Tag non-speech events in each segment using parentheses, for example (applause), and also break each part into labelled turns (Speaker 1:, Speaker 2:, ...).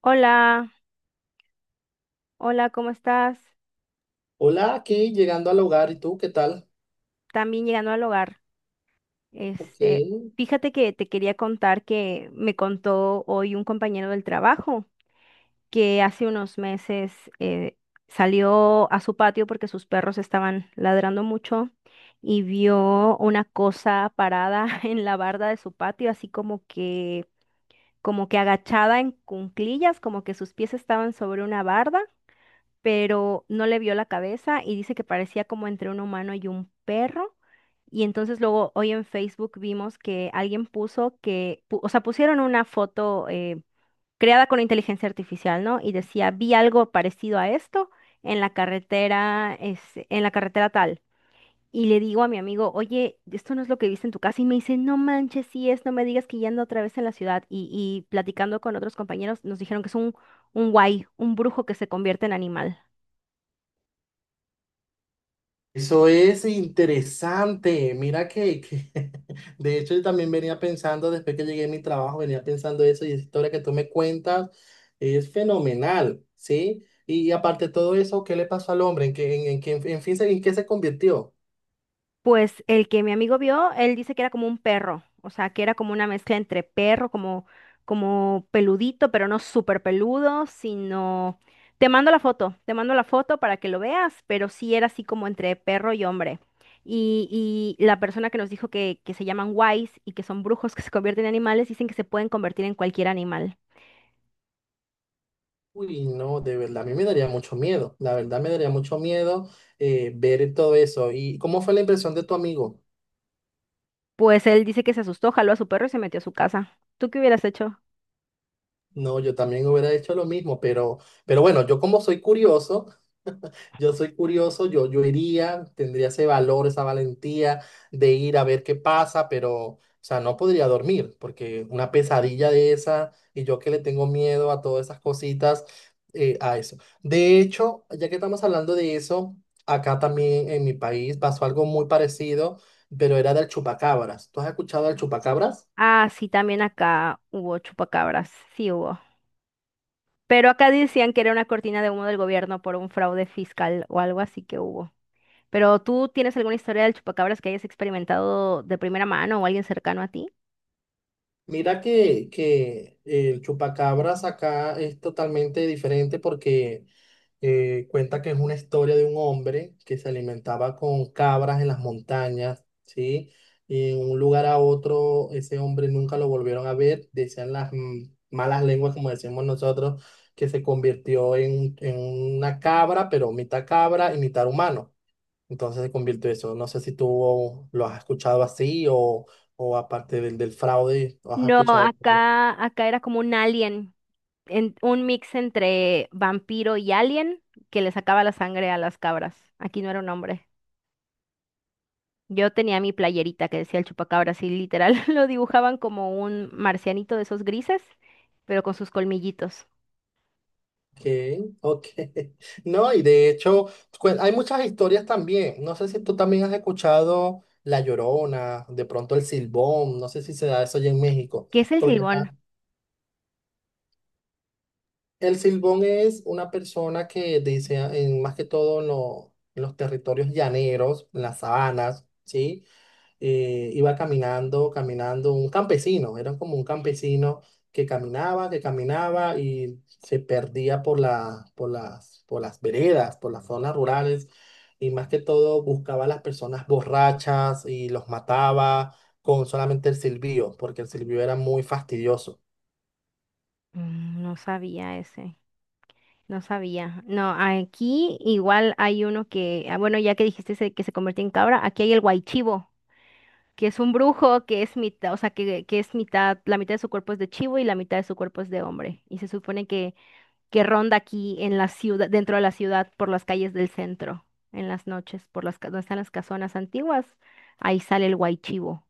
Speaker 1: Hola, hola, ¿cómo estás?
Speaker 2: Hola, aquí llegando al hogar, ¿y tú qué tal?
Speaker 1: También llegando al hogar.
Speaker 2: Ok,
Speaker 1: Este, Fíjate que te quería contar que me contó hoy un compañero del trabajo que hace unos meses eh, salió a su patio porque sus perros estaban ladrando mucho y vio una cosa parada (laughs) en la barda de su patio, así como que agachada en cunclillas, como que sus pies estaban sobre una barda, pero no le vio la cabeza y dice que parecía como entre un humano y un perro. Y entonces luego hoy en Facebook vimos que alguien puso que, o sea, pusieron una foto creada con inteligencia artificial, ¿no? Y decía, vi algo parecido a esto en la carretera, este, en la carretera tal. Y le digo a mi amigo, oye, esto no es lo que viste en tu casa. Y me dice, no manches, sí es, no me digas que ya ando otra vez en la ciudad. Y platicando con otros compañeros, nos dijeron que es un guay, un brujo que se convierte en animal.
Speaker 2: eso es interesante. Mira (laughs) de hecho yo también venía pensando, después que llegué a mi trabajo, venía pensando eso, y esa historia que tú me cuentas es fenomenal, ¿sí? Y aparte de todo eso, ¿qué le pasó al hombre? En qué- en fin, se- en qué se convirtió?
Speaker 1: Pues el que mi amigo vio, él dice que era como un perro, o sea, que era como una mezcla entre perro, como, como peludito, pero no súper peludo, sino… Te mando la foto, te mando la foto para que lo veas, pero sí era así como entre perro y hombre. Y la persona que nos dijo que se llaman wise y que son brujos (laughs) que se convierten en animales, dicen que se pueden convertir en cualquier animal.
Speaker 2: Uy, no, de verdad, a mí me daría mucho miedo, la verdad me daría mucho miedo. Ver todo eso. ¿Y cómo fue la impresión de tu amigo?
Speaker 1: Pues él dice que se asustó, jaló a su perro y se metió a su casa. ¿Tú qué hubieras hecho?
Speaker 2: No, yo también hubiera hecho lo mismo, pero bueno, yo como soy curioso, yo soy curioso, yo iría, tendría ese valor, esa valentía de ir a ver qué pasa, pero, o sea, no podría dormir, porque una pesadilla de esa, y yo que le tengo miedo a todas esas cositas, a eso. De hecho, ya que estamos hablando de eso, acá también en mi país pasó algo muy parecido, pero era del chupacabras. ¿Tú has escuchado del chupacabras?
Speaker 1: Ah, sí, también acá hubo chupacabras, sí hubo. Pero acá decían que era una cortina de humo del gobierno por un fraude fiscal o algo así que hubo. Pero ¿tú tienes alguna historia del chupacabras que hayas experimentado de primera mano o alguien cercano a ti?
Speaker 2: Mira que el chupacabras acá es totalmente diferente porque cuenta que es una historia de un hombre que se alimentaba con cabras en las montañas, ¿sí? Y en un lugar a otro, ese hombre nunca lo volvieron a ver, decían las malas lenguas, como decimos nosotros, que se convirtió en una cabra, pero mitad cabra y mitad humano. Entonces se convirtió eso. No sé si tú lo has escuchado así, o aparte del fraude, lo has
Speaker 1: No,
Speaker 2: escuchado.
Speaker 1: acá era como un alien, un mix entre vampiro y alien que le sacaba la sangre a las cabras. Aquí no era un hombre. Yo tenía mi playerita que decía el chupacabras y literal (laughs) lo dibujaban como un marcianito de esos grises, pero con sus colmillitos.
Speaker 2: Ok, ok. (laughs) No, y de hecho, hay muchas historias también. No sé si tú también has escuchado La Llorona, de pronto el Silbón. No sé si se da eso allá en México.
Speaker 1: ¿Qué es el
Speaker 2: Porque acá
Speaker 1: silbón?
Speaker 2: el Silbón es una persona que dice, más que todo en los territorios llaneros, en las sabanas, ¿sí? Iba caminando, caminando, un campesino, era como un campesino que caminaba y se perdía por las veredas, por las zonas rurales, y más que todo buscaba a las personas borrachas, y los mataba con solamente el silbido, porque el silbido era muy fastidioso.
Speaker 1: No sabía ese. No sabía. No, aquí igual hay uno que, ah, bueno, ya que dijiste ese que se convirtió en cabra, aquí hay el guaychivo, que es un brujo, que es mitad, o sea, que es mitad, la mitad de su cuerpo es de chivo y la mitad de su cuerpo es de hombre. Y se supone que ronda aquí en la ciudad, dentro de la ciudad, por las calles del centro, en las noches, por las, donde están las casonas antiguas, ahí sale el guaychivo.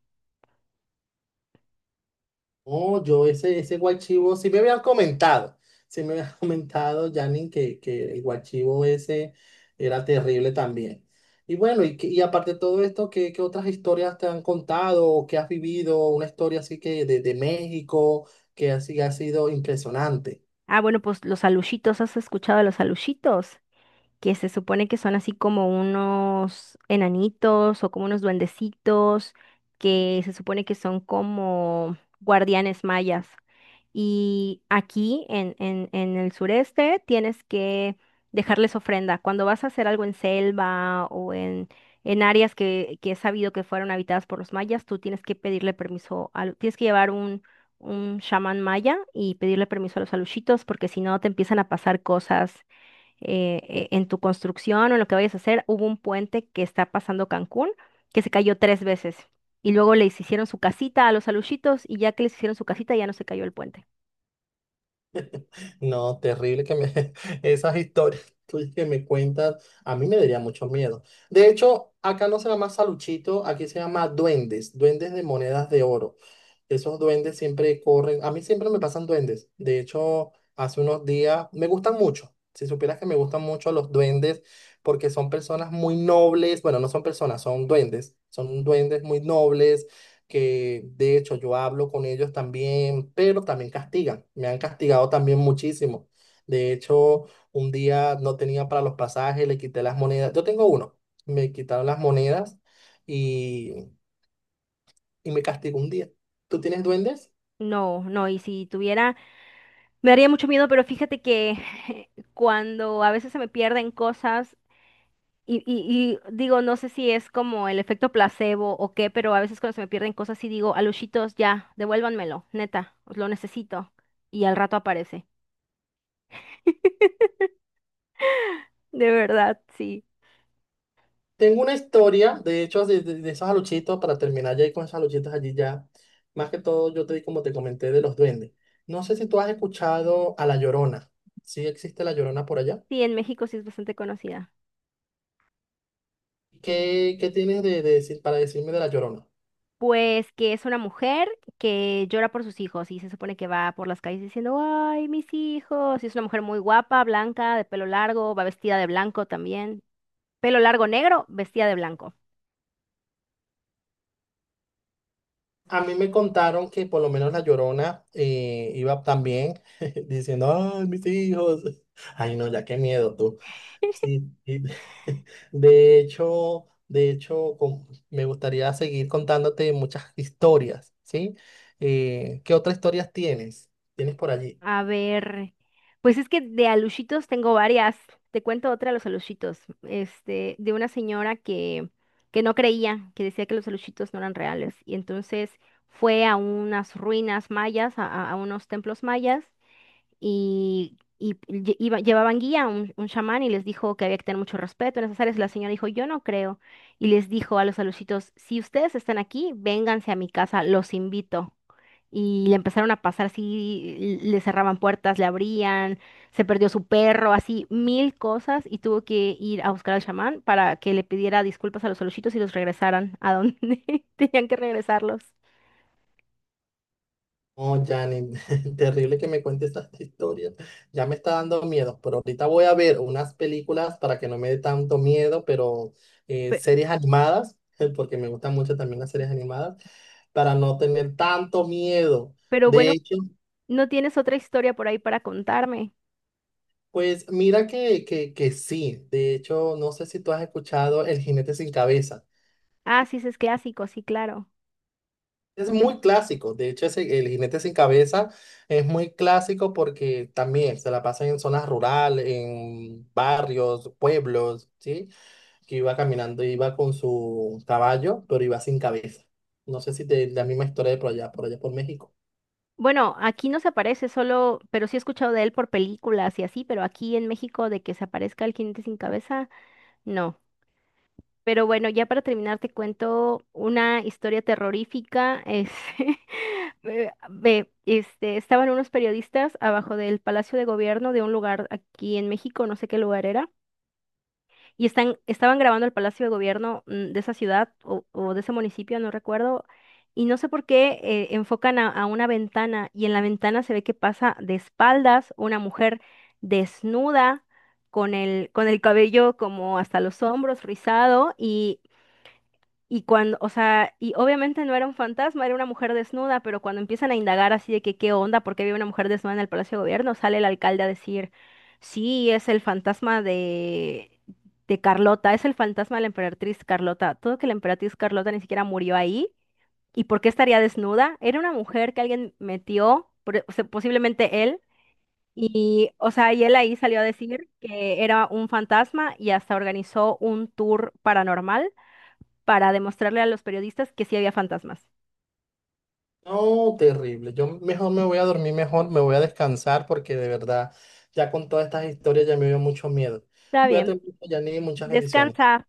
Speaker 2: Oh, yo ese guachivo, sí me habían comentado, sí me habían (laughs) comentado, Janine, que el guachivo ese era terrible también. Y bueno, y y aparte de todo esto, ¿qué otras historias te han contado o qué has vivido? Una historia así que de México, que así ha sido impresionante.
Speaker 1: Ah, bueno, pues los alushitos, ¿has escuchado de los alushitos? Que se supone que son así como unos enanitos o como unos duendecitos, que se supone que son como guardianes mayas. Y aquí en el sureste tienes que dejarles ofrenda. Cuando vas a hacer algo en selva en áreas que es sabido que fueron habitadas por los mayas, tú tienes que pedirle permiso, tienes que llevar un chamán maya y pedirle permiso a los alushitos porque si no te empiezan a pasar cosas en tu construcción o en lo que vayas a hacer. Hubo un puente que está pasando Cancún que se cayó 3 veces. Y luego les hicieron su casita a los aluchitos y ya que les hicieron su casita ya no se cayó el puente.
Speaker 2: No, terrible que me (laughs) esas historias tuyas que me cuentas, a mí me daría mucho miedo. De hecho, acá no se llama saluchito, aquí se llama duendes, duendes de monedas de oro. Esos duendes siempre corren, a mí siempre me pasan duendes. De hecho, hace unos días me gustan mucho. Si supieras que me gustan mucho los duendes porque son personas muy nobles, bueno, no son personas, son duendes muy nobles, que de hecho yo hablo con ellos también, pero también castigan, me han castigado también muchísimo. De hecho, un día no tenía para los pasajes, le quité las monedas, yo tengo uno, me quitaron las monedas, y, y me castigó un día. ¿Tú tienes duendes?
Speaker 1: No, no, y si tuviera, me daría mucho miedo, pero fíjate que (laughs) cuando a veces se me pierden cosas y digo, no sé si es como el efecto placebo o qué, pero a veces cuando se me pierden cosas y digo, aluchitos, ya, devuélvanmelo, neta, lo necesito. Y al rato aparece. (laughs) De verdad, sí.
Speaker 2: Tengo una historia, de hecho, de esos aluchitos, para terminar ya ahí con esos aluchitos allí ya, más que todo yo te, como te comenté, de los duendes. No sé si tú has escuchado a La Llorona, ¿sí existe La Llorona por allá?
Speaker 1: Sí, en México sí es bastante conocida.
Speaker 2: ¿Qué tienes de decir para decirme de La Llorona?
Speaker 1: Pues que es una mujer que llora por sus hijos y se supone que va por las calles diciendo, ay, mis hijos. Y es una mujer muy guapa, blanca, de pelo largo, va vestida de blanco también. Pelo largo negro, vestida de blanco.
Speaker 2: A mí me contaron que por lo menos La Llorona iba también (laughs) diciendo, ay, mis hijos. Ay, no, ya qué miedo tú. Sí, sí. (laughs) De hecho, me gustaría seguir contándote muchas historias, ¿sí? ¿Qué otras historias tienes? ¿Tienes por allí?
Speaker 1: A ver, pues es que de alushitos tengo varias. Te cuento otra de los alushitos. De una señora que no creía, que decía que los alushitos no eran reales. Y entonces fue a unas ruinas mayas, a unos templos mayas llevaban guía, un chamán, y les dijo que había que tener mucho respeto en esas áreas. La señora dijo, yo no creo. Y les dijo a los alucitos, si ustedes están aquí, vénganse a mi casa, los invito. Y le empezaron a pasar así, le cerraban puertas, le abrían, se perdió su perro, así mil cosas, y tuvo que ir a buscar al chamán para que le pidiera disculpas a los alucitos y los regresaran a donde (laughs) tenían que regresarlos.
Speaker 2: Oh, Janet, (laughs) terrible que me cuente estas historias. Ya me está dando miedo, pero ahorita voy a ver unas películas para que no me dé tanto miedo, pero
Speaker 1: Pe-
Speaker 2: series animadas, (laughs) porque me gustan mucho también las series animadas, para no tener tanto miedo.
Speaker 1: Pero
Speaker 2: De
Speaker 1: bueno,
Speaker 2: hecho,
Speaker 1: ¿no tienes otra historia por ahí para contarme?
Speaker 2: pues mira que sí, de hecho, no sé si tú has escuchado El jinete sin cabeza.
Speaker 1: Ah, sí, ese es clásico, sí, claro.
Speaker 2: Es muy clásico, de hecho el jinete sin cabeza es muy clásico porque también se la pasa en zonas rurales, en barrios, pueblos, ¿sí? Que iba caminando, iba con su caballo, pero iba sin cabeza. No sé si te, la misma historia de por allá, por allá por México.
Speaker 1: Bueno, aquí no se aparece solo, pero sí he escuchado de él por películas y así, pero aquí en México de que se aparezca el jinete sin cabeza, no. Pero bueno, ya para terminar te cuento una historia terrorífica. Es, (laughs) este, estaban unos periodistas abajo del Palacio de Gobierno de un lugar aquí en México, no sé qué lugar era. Y estaban grabando el Palacio de Gobierno, de esa ciudad o de ese municipio, no recuerdo, y no sé por qué enfocan a una ventana y en la ventana se ve que pasa de espaldas una mujer desnuda con el cabello como hasta los hombros, rizado, y cuando, o sea, y obviamente no era un fantasma, era una mujer desnuda, pero cuando empiezan a indagar así de que qué onda, por qué había una mujer desnuda en el Palacio de Gobierno, sale el alcalde a decir, sí, es el fantasma de Carlota, es el fantasma de la emperatriz Carlota. Todo que la emperatriz Carlota ni siquiera murió ahí. ¿Y por qué estaría desnuda? Era una mujer que alguien metió, o sea, posiblemente él. Y, o sea, y él ahí salió a decir que era un fantasma y hasta organizó un tour paranormal para demostrarle a los periodistas que sí había fantasmas.
Speaker 2: No, terrible. Yo mejor me voy a dormir mejor, me voy a descansar porque de verdad ya con todas estas historias ya me dio mucho miedo.
Speaker 1: Está
Speaker 2: Cuídate
Speaker 1: bien,
Speaker 2: mucho, Janine, muchas bendiciones.
Speaker 1: descansa.